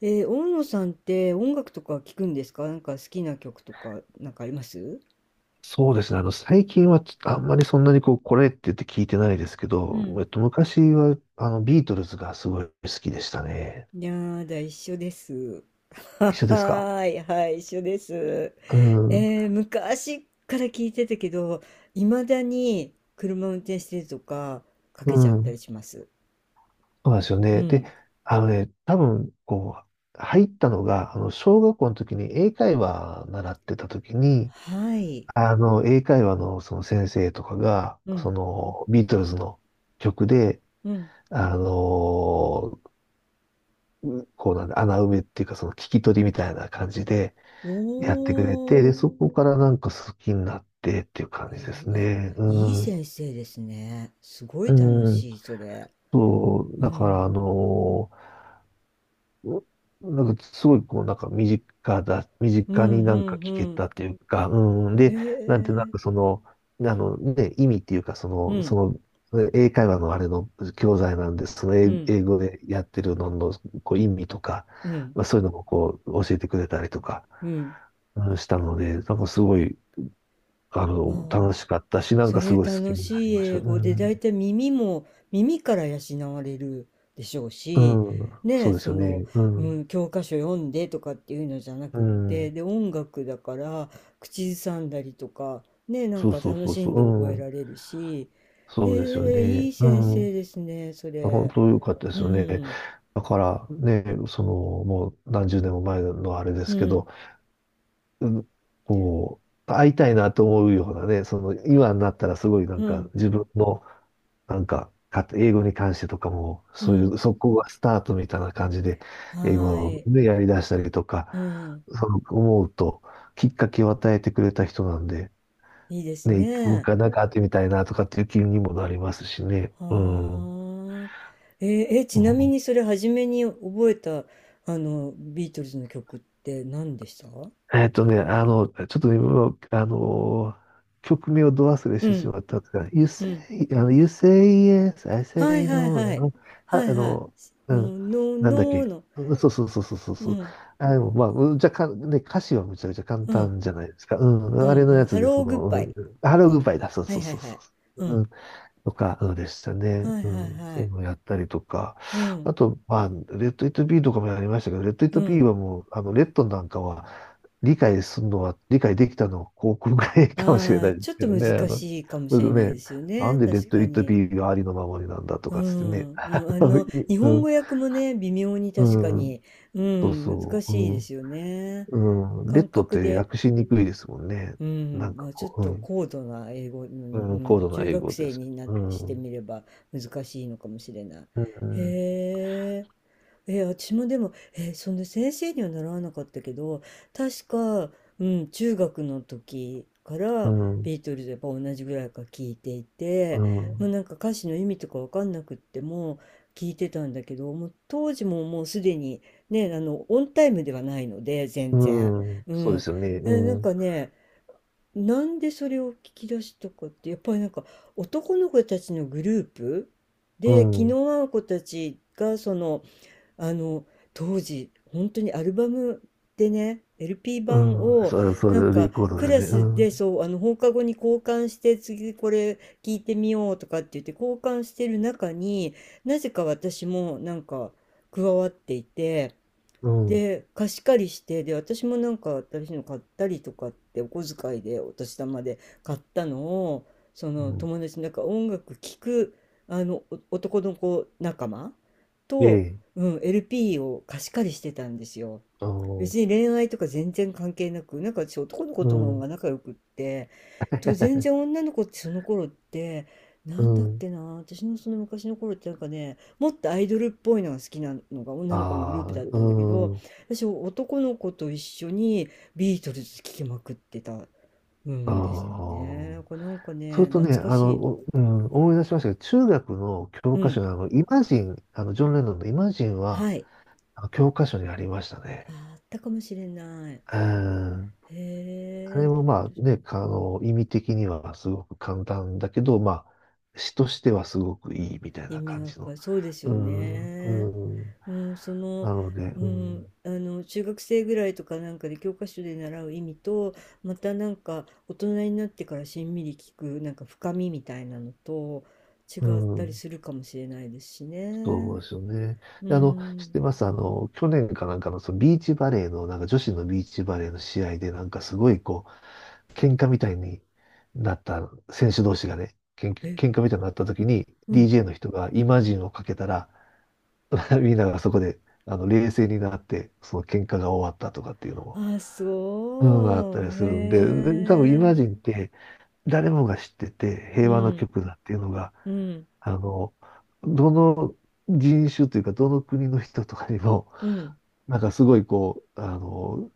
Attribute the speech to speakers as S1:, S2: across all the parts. S1: 大野さんって音楽とか聞くんですか？なんか好きな曲とかなんかあります？
S2: そうですね。最近はちあんまりそんなにこう、これって言って聞いてないですけ
S1: う
S2: ど、
S1: ん。
S2: 昔は、ビートルズがすごい好きでしたね。
S1: いやーだ、一緒です。は
S2: 一緒ですか？
S1: はーい、はい、一緒です。
S2: うん、うん、
S1: 昔から聞いてたけど、いまだに車運転してるとかか
S2: そ
S1: けちゃったりします。
S2: うなんですよ
S1: う
S2: ね。で、
S1: ん。
S2: あのね、多分、こう、入ったのが、小学校の時に英会話習ってた時に、
S1: はい。
S2: 英会話のその先生とかが、
S1: う
S2: そ
S1: ん、
S2: の、ビートルズの曲で、
S1: うん。
S2: あのこうなんだ、穴埋めっていうか、その聞き取りみたいな感じで、やってくれて、
S1: お
S2: で、
S1: ー。
S2: そこからなんか好きになってっていう感じです
S1: あ、
S2: ね。
S1: いい
S2: うん。
S1: 先生ですね。すご
S2: う
S1: い楽
S2: ん。
S1: しい、それ。
S2: そう、
S1: う
S2: だからあ
S1: ん。
S2: のーうなんかすごいこうなんか身
S1: うん、う
S2: 近になんか聞け
S1: ん、
S2: たっていうか、うん。
S1: え
S2: で、なんてなんか
S1: え。
S2: その、あのね、意味っていうかそ
S1: う
S2: の、
S1: ん、
S2: その、英会話のあれの教材なんで、その
S1: う
S2: 英
S1: ん、
S2: 英語でやってるののこう意味とか、
S1: うん、
S2: まあ、そういうのもこう教えてくれたりとか、
S1: うん。
S2: うんしたので、なんかすごい
S1: ああ、
S2: 楽しかったし、なん
S1: そ
S2: かす
S1: れ
S2: ごい好き
S1: 楽
S2: になり
S1: しい
S2: ました。
S1: 英
S2: う
S1: 語で、だ
S2: ん。
S1: いたい耳も、耳から養われるでしょう
S2: う
S1: し、
S2: ん。
S1: ね
S2: そ
S1: え、
S2: うです
S1: そ
S2: よ
S1: の、
S2: ね。う
S1: う
S2: ん。
S1: ん、教科書読んでとかっていうのじゃな
S2: う
S1: くって、
S2: ん。
S1: で、音楽だから、口ずさんだりとか、ねえ、なん
S2: そう
S1: か
S2: そう
S1: 楽
S2: そう
S1: し
S2: そ
S1: ん
S2: う。
S1: で覚
S2: う
S1: えら
S2: ん。
S1: れるし、え
S2: そうですよ
S1: え、い
S2: ね。
S1: い
S2: う
S1: 先生
S2: ん。
S1: ですね、そ
S2: 本
S1: れ。
S2: 当良かったで
S1: う
S2: すよね。
S1: ん、
S2: だからね、その、もう何十年も前のあれで
S1: う
S2: すけど、
S1: ん、
S2: うんこう、会いたいなと思うようなね、その、今になったらすごいなん
S1: う
S2: か
S1: ん、
S2: 自分のなんか、か英語に関してとかも、
S1: う
S2: そうい
S1: ん、
S2: う、そこがスタートみたいな感じで、
S1: は
S2: 英
S1: ー
S2: 語
S1: い、
S2: でやり出したりとか、
S1: うん、
S2: その思うと、きっかけを与えてくれた人なんで、
S1: いいです
S2: ね、もう一
S1: ね。
S2: 回なんか会ってみたいなとかっていう気にもなりますしね。うん。
S1: はあ。えーえ、
S2: う
S1: ちなみ
S2: ん。
S1: にそれ初めに覚えた、あの、ビートルズの曲って何でした？
S2: ちょっと今、もうあの、曲名をど忘れし
S1: う
S2: てし
S1: ん、
S2: まったんですが、You
S1: うん。
S2: say、 You say yes, I
S1: はい
S2: say
S1: はい
S2: no、
S1: はい。
S2: は、
S1: はい
S2: あ
S1: はい。
S2: の、う
S1: ノ
S2: ん、
S1: ーノー
S2: なん
S1: ノ
S2: だっ
S1: ー
S2: け。
S1: の。
S2: うんそうそうそうそうそう
S1: う
S2: そう。
S1: ん、
S2: あ、でもまあ、うんじゃか、ね、歌詞はむちゃくちゃ簡
S1: うん、
S2: 単じゃないですか。う
S1: う
S2: ん、あ
S1: ん、
S2: れの
S1: うん。
S2: や
S1: ハ
S2: つです。
S1: ロ
S2: そ
S1: ーグッ
S2: の、う
S1: バ
S2: ん、
S1: イ。
S2: ハロー
S1: か。
S2: グッバイだ。そう
S1: は
S2: そ
S1: い
S2: う
S1: はい
S2: そう
S1: は
S2: そ
S1: い。うん。
S2: う。とかでしたね。
S1: はい
S2: う
S1: はい
S2: ん。
S1: は
S2: そうい
S1: い。
S2: うのをやったりとか。
S1: うん、
S2: あと、まあ、レッド・イット・ビーとかもやりましたけど、レッド・イッ
S1: う
S2: ト・ビー
S1: ん。
S2: はもう、レッドなんかは、理解できたのは航空ぐらいかもしれ
S1: あ
S2: な
S1: あ、
S2: いで
S1: ちょ
S2: す
S1: っ
S2: け
S1: と
S2: ど
S1: 難
S2: ね。あの、
S1: しいかも
S2: う
S1: しれ
S2: ん
S1: ない
S2: ね、
S1: ですよ
S2: な
S1: ね。
S2: んでレ
S1: 確
S2: ッド・
S1: か
S2: イット・
S1: に。
S2: ビーがありのままになんだと
S1: う
S2: かつってね。
S1: ん、
S2: あ
S1: うん、あ
S2: のい
S1: の、日本
S2: う
S1: 語訳もね、微妙に確か
S2: ん、うん、
S1: に、う
S2: そう
S1: ん、難
S2: そう。
S1: しいですよ
S2: う
S1: ね。
S2: ん、うん、レ
S1: 感
S2: ッドっ
S1: 覚
S2: て
S1: で、
S2: 訳しにくいですもんね。
S1: う
S2: な
S1: ん、
S2: ん
S1: ま
S2: か
S1: あ、ちょっ
S2: こ
S1: と
S2: う、
S1: 高度な英語
S2: う
S1: に、
S2: ん、
S1: う
S2: うん、高
S1: ん、
S2: 度な
S1: 中
S2: 英
S1: 学
S2: 語で
S1: 生
S2: す。
S1: にな
S2: うん、
S1: し
S2: う
S1: て
S2: ん、
S1: みれば難しいのかもしれない。へえ。私もでも、その先生には習わなかったけど、確か、うん、中学の時か
S2: う
S1: ら
S2: ん、
S1: ビートルズやっぱ同じぐらいから聞いてい
S2: う
S1: て、もう
S2: ん。
S1: なんか歌詞の意味とかわかんなくっても聞いてたんだけど、もう当時ももうすでにね、オンタイムではないので、全
S2: う
S1: 然。
S2: ん、
S1: う
S2: そうで
S1: ん。
S2: すよね。う
S1: でなんか
S2: ん、
S1: ね、なんでそれを聞き出したかって、やっぱりなんか男の子たちのグループ
S2: う
S1: で、気
S2: ん、
S1: の合う子たちがあの当時本当にアルバムでね LP
S2: う
S1: 版
S2: ん、
S1: を
S2: そう、そ
S1: なん
S2: う、レ
S1: か
S2: コードだ
S1: ク
S2: よ
S1: ラ
S2: ね。う
S1: ス
S2: ん、
S1: でそうあの放課後に交換して次これ聞いてみようとかって言って交換してる中になぜか私もなんか加わっていて、
S2: うん、
S1: で、貸し借りして、で、私もなんか新しいの買ったりとかって、お小遣いでお年玉で買ったのを、その
S2: うん、
S1: 友達、なんか音楽聴く、あの、お男の子仲間
S2: え
S1: と、
S2: え、
S1: うん、LP を貸し借りしてたんですよ。
S2: あの、
S1: 別に恋愛とか全然関係なく、なんか私男の子
S2: う
S1: と方
S2: ん、
S1: が仲良くって、と全然 女の子ってその頃って、な
S2: う
S1: んだっ
S2: ん、
S1: けな、私のその昔の頃ってなんかね、もっとアイドルっぽいのが好きなのが女の子のグル
S2: あ
S1: ープ
S2: あ、
S1: だったんだけ
S2: う
S1: ど、
S2: ん、
S1: 私、男の子と一緒にビートルズ聴きまくってた、う
S2: あ
S1: んですよね。な
S2: あ。
S1: んかなんか
S2: それ
S1: ね、
S2: と
S1: 懐
S2: ね、
S1: か
S2: あ
S1: し
S2: の、
S1: い。
S2: おうん、思い出しましたけど、中学の
S1: う
S2: 教科書
S1: ん。
S2: のあの、イマジン、あの、ジョン・レノンのイマジンは、
S1: はい。
S2: あの教科書にありました
S1: あ、
S2: ね。
S1: あったかもしれない。
S2: うん
S1: へ
S2: あれ
S1: え、
S2: もまあね、意味的にはすごく簡単だけど、まあ、詩としてはすごくいいみたい
S1: 意
S2: な
S1: 味
S2: 感
S1: が
S2: じ
S1: 深
S2: の。
S1: い。そうです
S2: う
S1: よ
S2: ん、
S1: ね。
S2: うん。
S1: うん、その、
S2: なので、
S1: う
S2: うん、
S1: ん、中学生ぐらいとかなんかで教科書で習う意味と、またなんか大人になってからしんみり聞く、なんか深みみたいなのと違
S2: う
S1: ったり
S2: ん、
S1: するかもしれないですし
S2: そ
S1: ね。
S2: うですよね。
S1: う
S2: で知っ
S1: ん。
S2: てますあの、去年かなんかの、そのビーチバレーの、なんか女子のビーチバレーの試合で、なんかすごいこう、喧嘩みたいになった選手同士がね、
S1: え、
S2: 喧嘩みたいになった時に、
S1: うん。
S2: DJ の人がイマジンをかけたら、みんながそこで、冷静になって、その喧嘩が終わったとかっていうのも、
S1: あ、
S2: うん、あった
S1: そ
S2: り
S1: う。
S2: するんで、
S1: へ
S2: で多分イマジ
S1: え。
S2: ンって誰もが知ってて
S1: う
S2: 平和の
S1: ん、
S2: 曲だっていうのが、
S1: うん、
S2: あの、どの人種というか、どの国の人とかにも、
S1: うん、
S2: なんかすごいこう、あの、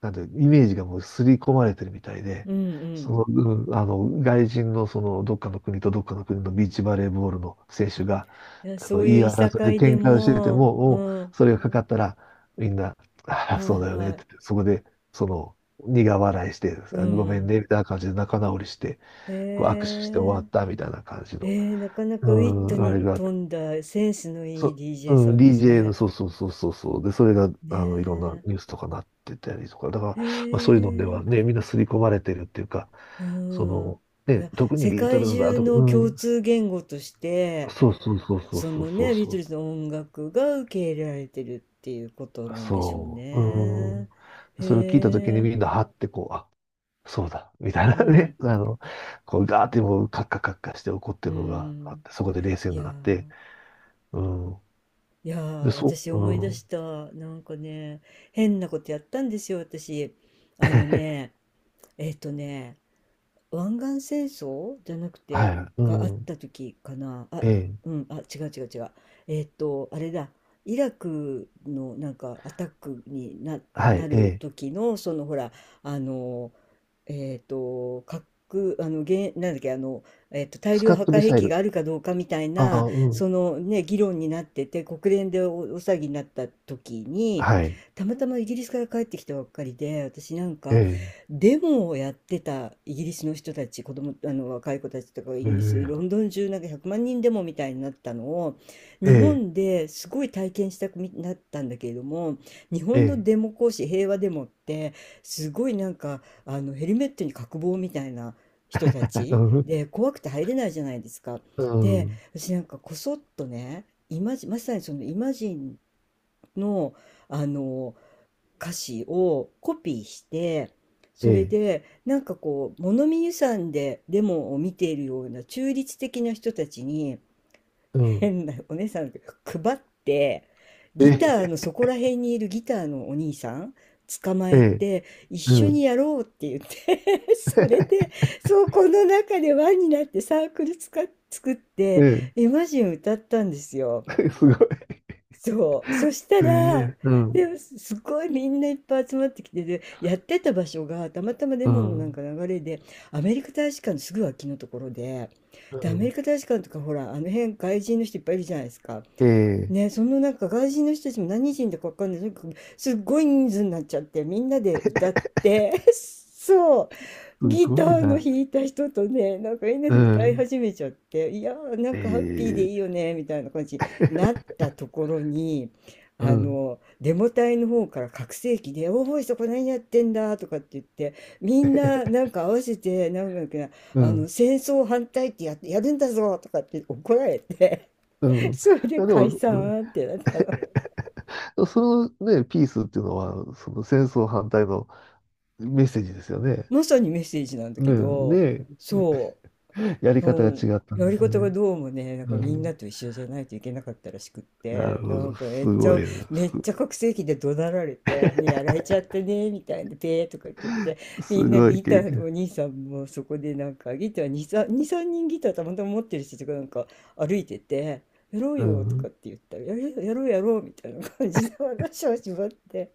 S2: なんで、イメージがもう刷り込まれてるみたいで、
S1: うん、う
S2: そ
S1: ん。
S2: の、うん、外人のその、どっかの国とどっかの国のビーチバレーボールの選手が、
S1: いや、そうい
S2: 言
S1: う
S2: い
S1: いさ
S2: 争
S1: か
S2: い
S1: いで
S2: で喧嘩をしてて
S1: も、
S2: も、
S1: う
S2: お
S1: ん、
S2: それがかかったら、みんな、ああ、
S1: はい
S2: そうだよね
S1: は
S2: って言
S1: い、
S2: って、そこで、その、苦笑いして、
S1: う
S2: あごめん
S1: ん。
S2: ね、みたいな感じで仲直りして、こう握手して終
S1: へ
S2: わ
S1: え。
S2: ったみたいな感じの、
S1: なかな
S2: う
S1: かウィット
S2: ん、あ
S1: に
S2: れがあっ
S1: 富んだセンスのいい
S2: そ、う
S1: DJ さ
S2: ん、
S1: んです
S2: DJ の、
S1: ね。
S2: そうそうそうそうそう。で、それが、いろんな
S1: ね
S2: ニュースとかなってたりとか、だから、
S1: え。
S2: まあ、
S1: へ
S2: そういうのではね、
S1: え。
S2: みんな刷り込まれてるっていうか、
S1: う
S2: そ
S1: ん。
S2: の、
S1: い
S2: ね、
S1: や、
S2: 特に
S1: 世
S2: ビート
S1: 界
S2: ルズだ
S1: 中
S2: とか、
S1: の
S2: う
S1: 共
S2: ん、
S1: 通言語として、
S2: そうそうそうそう
S1: そ
S2: そう
S1: の
S2: そう
S1: ね、ビー
S2: そ
S1: ト
S2: う。
S1: ルズの音楽が受け入れられてるっていうことなんでしょう
S2: そう、う
S1: ね。
S2: ん。
S1: へ
S2: それを聞いたときに
S1: え、
S2: みんな、はってこう、あ、そうだ、みたいな
S1: うん、
S2: ね、あの、こう、ガーってもう、カッカカッカして怒っ
S1: う
S2: てるのがあっ
S1: ん。
S2: て、そこで冷静
S1: い
S2: に
S1: やー、
S2: なって、うん。
S1: いや
S2: で、
S1: ー、
S2: そ
S1: 私
S2: う、
S1: 思い出
S2: う
S1: し
S2: ん。
S1: た。なんかね、変なことやったんですよ、私。あの ね、えっとね、湾岸戦争じゃなく
S2: は
S1: て
S2: い、う
S1: があっ
S2: ん。
S1: た時かなあ？
S2: ええ、
S1: うん、あ、違う違う違う、あれだ、イラクのなんかアタックに
S2: はい、
S1: な
S2: え
S1: る
S2: え。
S1: 時のそのほらあの核あのげんなんだっけあの、大
S2: スカ
S1: 量破
S2: ット
S1: 壊
S2: ミ
S1: 兵
S2: サイ
S1: 器が
S2: ル。
S1: あるかどうかみたい
S2: あ
S1: な
S2: あ、うん。
S1: そのね議論になってて、国連でお騒ぎになった時に
S2: はい。
S1: たまたまイギリスから帰ってきたばっかりで、私なん
S2: え
S1: か
S2: え、
S1: デモをやってたイギリスの人たち、子供、あの若い子たちとかがイ
S2: え
S1: ギリス、ロ
S2: え、
S1: ンドン中なんか100万人デモみたいになったのを、
S2: え
S1: 日
S2: え、
S1: 本ですごい体験したくなったんだけれども、日
S2: え
S1: 本の
S2: え、
S1: デモ行使、平和デモって、すごいなんか、あのヘルメットに角棒みたいな人た
S2: う
S1: ち
S2: ん、
S1: で、怖くて入れないじゃないですか。
S2: う
S1: で、
S2: ん、
S1: 私なんかこそっとね、イマジン、まさにそのイマジンの、あの、歌詞をコピーして、
S2: え
S1: それ
S2: え、
S1: でなんかこう物見遊山でデモを見ているような中立的な人たちに
S2: うん、
S1: 変なお姉さん配って、ギ
S2: え
S1: ター
S2: え、
S1: のそこら辺にいるギターのお兄さん捕ま
S2: え
S1: え
S2: え、
S1: て、一
S2: う
S1: 緒に
S2: ん、
S1: やろうって言って それ で、そうこの中で輪になってサークルつか作って
S2: え
S1: 「イマジン」歌ったんですよ。
S2: え、すごい。
S1: そう。そした
S2: え
S1: ら、
S2: え、うん、
S1: でもすごいみんないっぱい集まってきて、で、やってた場所がたまたまレ
S2: う
S1: モンのなん
S2: ん、
S1: か流れで、アメリカ大使館のすぐ脇のところで、
S2: う
S1: で、アメ
S2: ん、
S1: リカ大使館とかほら、あの辺外人の人いっぱいいるじゃないですか。
S2: ええ、
S1: ね、そのなんか外人の人たちも何人だかわかんない。とにかくすっごい人数になっちゃって、みんなで歌って、そう。
S2: す
S1: ギ
S2: ご
S1: タ
S2: い
S1: ーの
S2: な。
S1: 弾いた人とね、なんかみんな
S2: う
S1: で歌い
S2: ん、
S1: 始めちゃって、いやー、な
S2: え
S1: んかハッピーで
S2: え、
S1: いいよね、みたいな感じに なったところに、
S2: うん、
S1: デモ隊の方から拡声器で、おおい、そこ何やってんだとかって言って、みんな なんか合わせて、なんだっけな、
S2: うん、
S1: 戦争反対ってやるんだぞとかって怒られて
S2: う ん。い
S1: それで
S2: やでも、
S1: 解
S2: うん
S1: 散ってなったの。
S2: そのね、ピースっていうのは、その戦争反対のメッセージですよね。
S1: まさにメッセージなんだけ
S2: ね
S1: ど、
S2: ね
S1: そ
S2: え や
S1: う。
S2: り方が
S1: そう。
S2: 違ったん
S1: や
S2: で
S1: り
S2: す
S1: 方が
S2: ね。
S1: どうもね、なんか
S2: う
S1: みん
S2: ん。
S1: なと一緒じゃないといけなかったらしくっ
S2: なる
S1: て、な
S2: ほ
S1: ん
S2: ど。
S1: か
S2: すごいな。す、
S1: めっちゃ拡声器で怒鳴られて、ね、やられちゃったね、みたいな、ペーとかって言って、
S2: す
S1: みんな
S2: ごい
S1: ギタ
S2: 経
S1: ーの
S2: 験。
S1: お兄さんもそこでなんか、ギター2、3、2、3人ギターたまたま持ってる人とかなんか歩いてて、やろう
S2: う
S1: よと
S2: ん。
S1: か
S2: い
S1: って言ったら、やるよやろうやろうみたいな感じで話をしまって、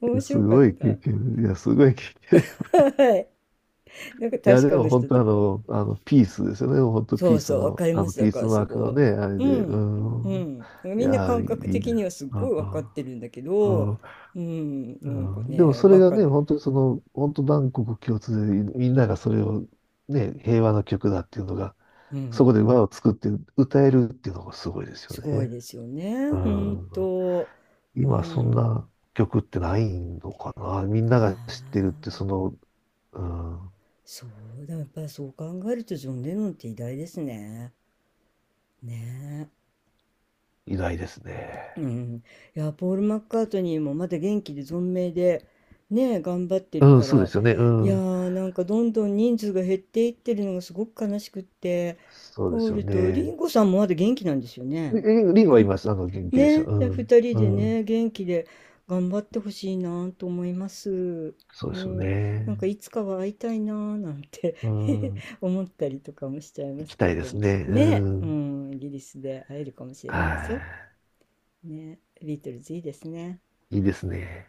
S1: 面
S2: やす
S1: 白かっ
S2: ごい経
S1: た。
S2: 験。いや、すごい経験。
S1: はい。なんか
S2: いや、
S1: 確
S2: で
S1: かの
S2: も本
S1: 人
S2: 当
S1: と
S2: あ
S1: か。
S2: の、あの、ピースですよね。本当
S1: そ
S2: ピー
S1: う
S2: ス
S1: そう、わ
S2: の、
S1: かり
S2: あ
S1: ま
S2: の、
S1: す。
S2: ピ
S1: だ
S2: ー
S1: か
S2: ス
S1: らす
S2: マークの
S1: ご
S2: ね、あれ
S1: い。う
S2: で。う
S1: ん。う
S2: ん。
S1: ん。
S2: い
S1: みんな
S2: や、
S1: 感
S2: い
S1: 覚
S2: いで
S1: 的
S2: す。
S1: にはす
S2: う
S1: ごい
S2: ん。
S1: わかってるんだけ
S2: う
S1: ど、
S2: ん
S1: うん。な
S2: う
S1: んか
S2: んでも
S1: ね、
S2: それ
S1: バ
S2: が
S1: カ
S2: ね、
S1: な。
S2: 本当にその、本当万国共通で、みんながそれを、ね、平和の曲だっていうのが、
S1: う
S2: そ
S1: ん。
S2: こで輪を作って歌えるっていうのがすごいですよ
S1: すごい
S2: ね。
S1: ですよね。
S2: う
S1: 本
S2: ん。
S1: 当。う
S2: 今そん
S1: ん。
S2: な曲ってないのかな。み
S1: あ
S2: ん
S1: あ、
S2: なが知ってるってその、うん、
S1: そうだ。やっぱりそう考えるとジョン・レノンって偉大ですね。ねえ。
S2: いですね。
S1: うん、いや、ポール・マッカートニーもまだ元気で存命でね頑張ってる
S2: うん、
S1: か
S2: そうで
S1: ら、
S2: すよね。う
S1: いや
S2: ん。
S1: ーなんかどんどん人数が減っていってるのがすごく悲しくって、
S2: そうで
S1: ポ
S2: す
S1: ー
S2: よ
S1: ルとリ
S2: ね。
S1: ンゴさんもまだ元気なんですよ
S2: リ
S1: ね。
S2: ンリンは
S1: う
S2: 今、
S1: ん
S2: 元気ですよ。
S1: ね、
S2: う
S1: で
S2: ん。
S1: 2人
S2: う
S1: で
S2: ん。
S1: ね元気で頑張ってほしいなと思います。
S2: そう
S1: う
S2: ですよ
S1: ん、なんか
S2: ね。
S1: いつかは会いたいななんて
S2: うん。
S1: 思ったりとかもしちゃいま
S2: 行き
S1: す
S2: た
S1: け
S2: い
S1: れ
S2: で
S1: ど
S2: す
S1: も
S2: ね。
S1: ね、
S2: う
S1: う
S2: ん。
S1: ん、イギリスで会えるかもしれ
S2: は
S1: ないですよ。ね、ビートルズいいですね。
S2: い。いいですね。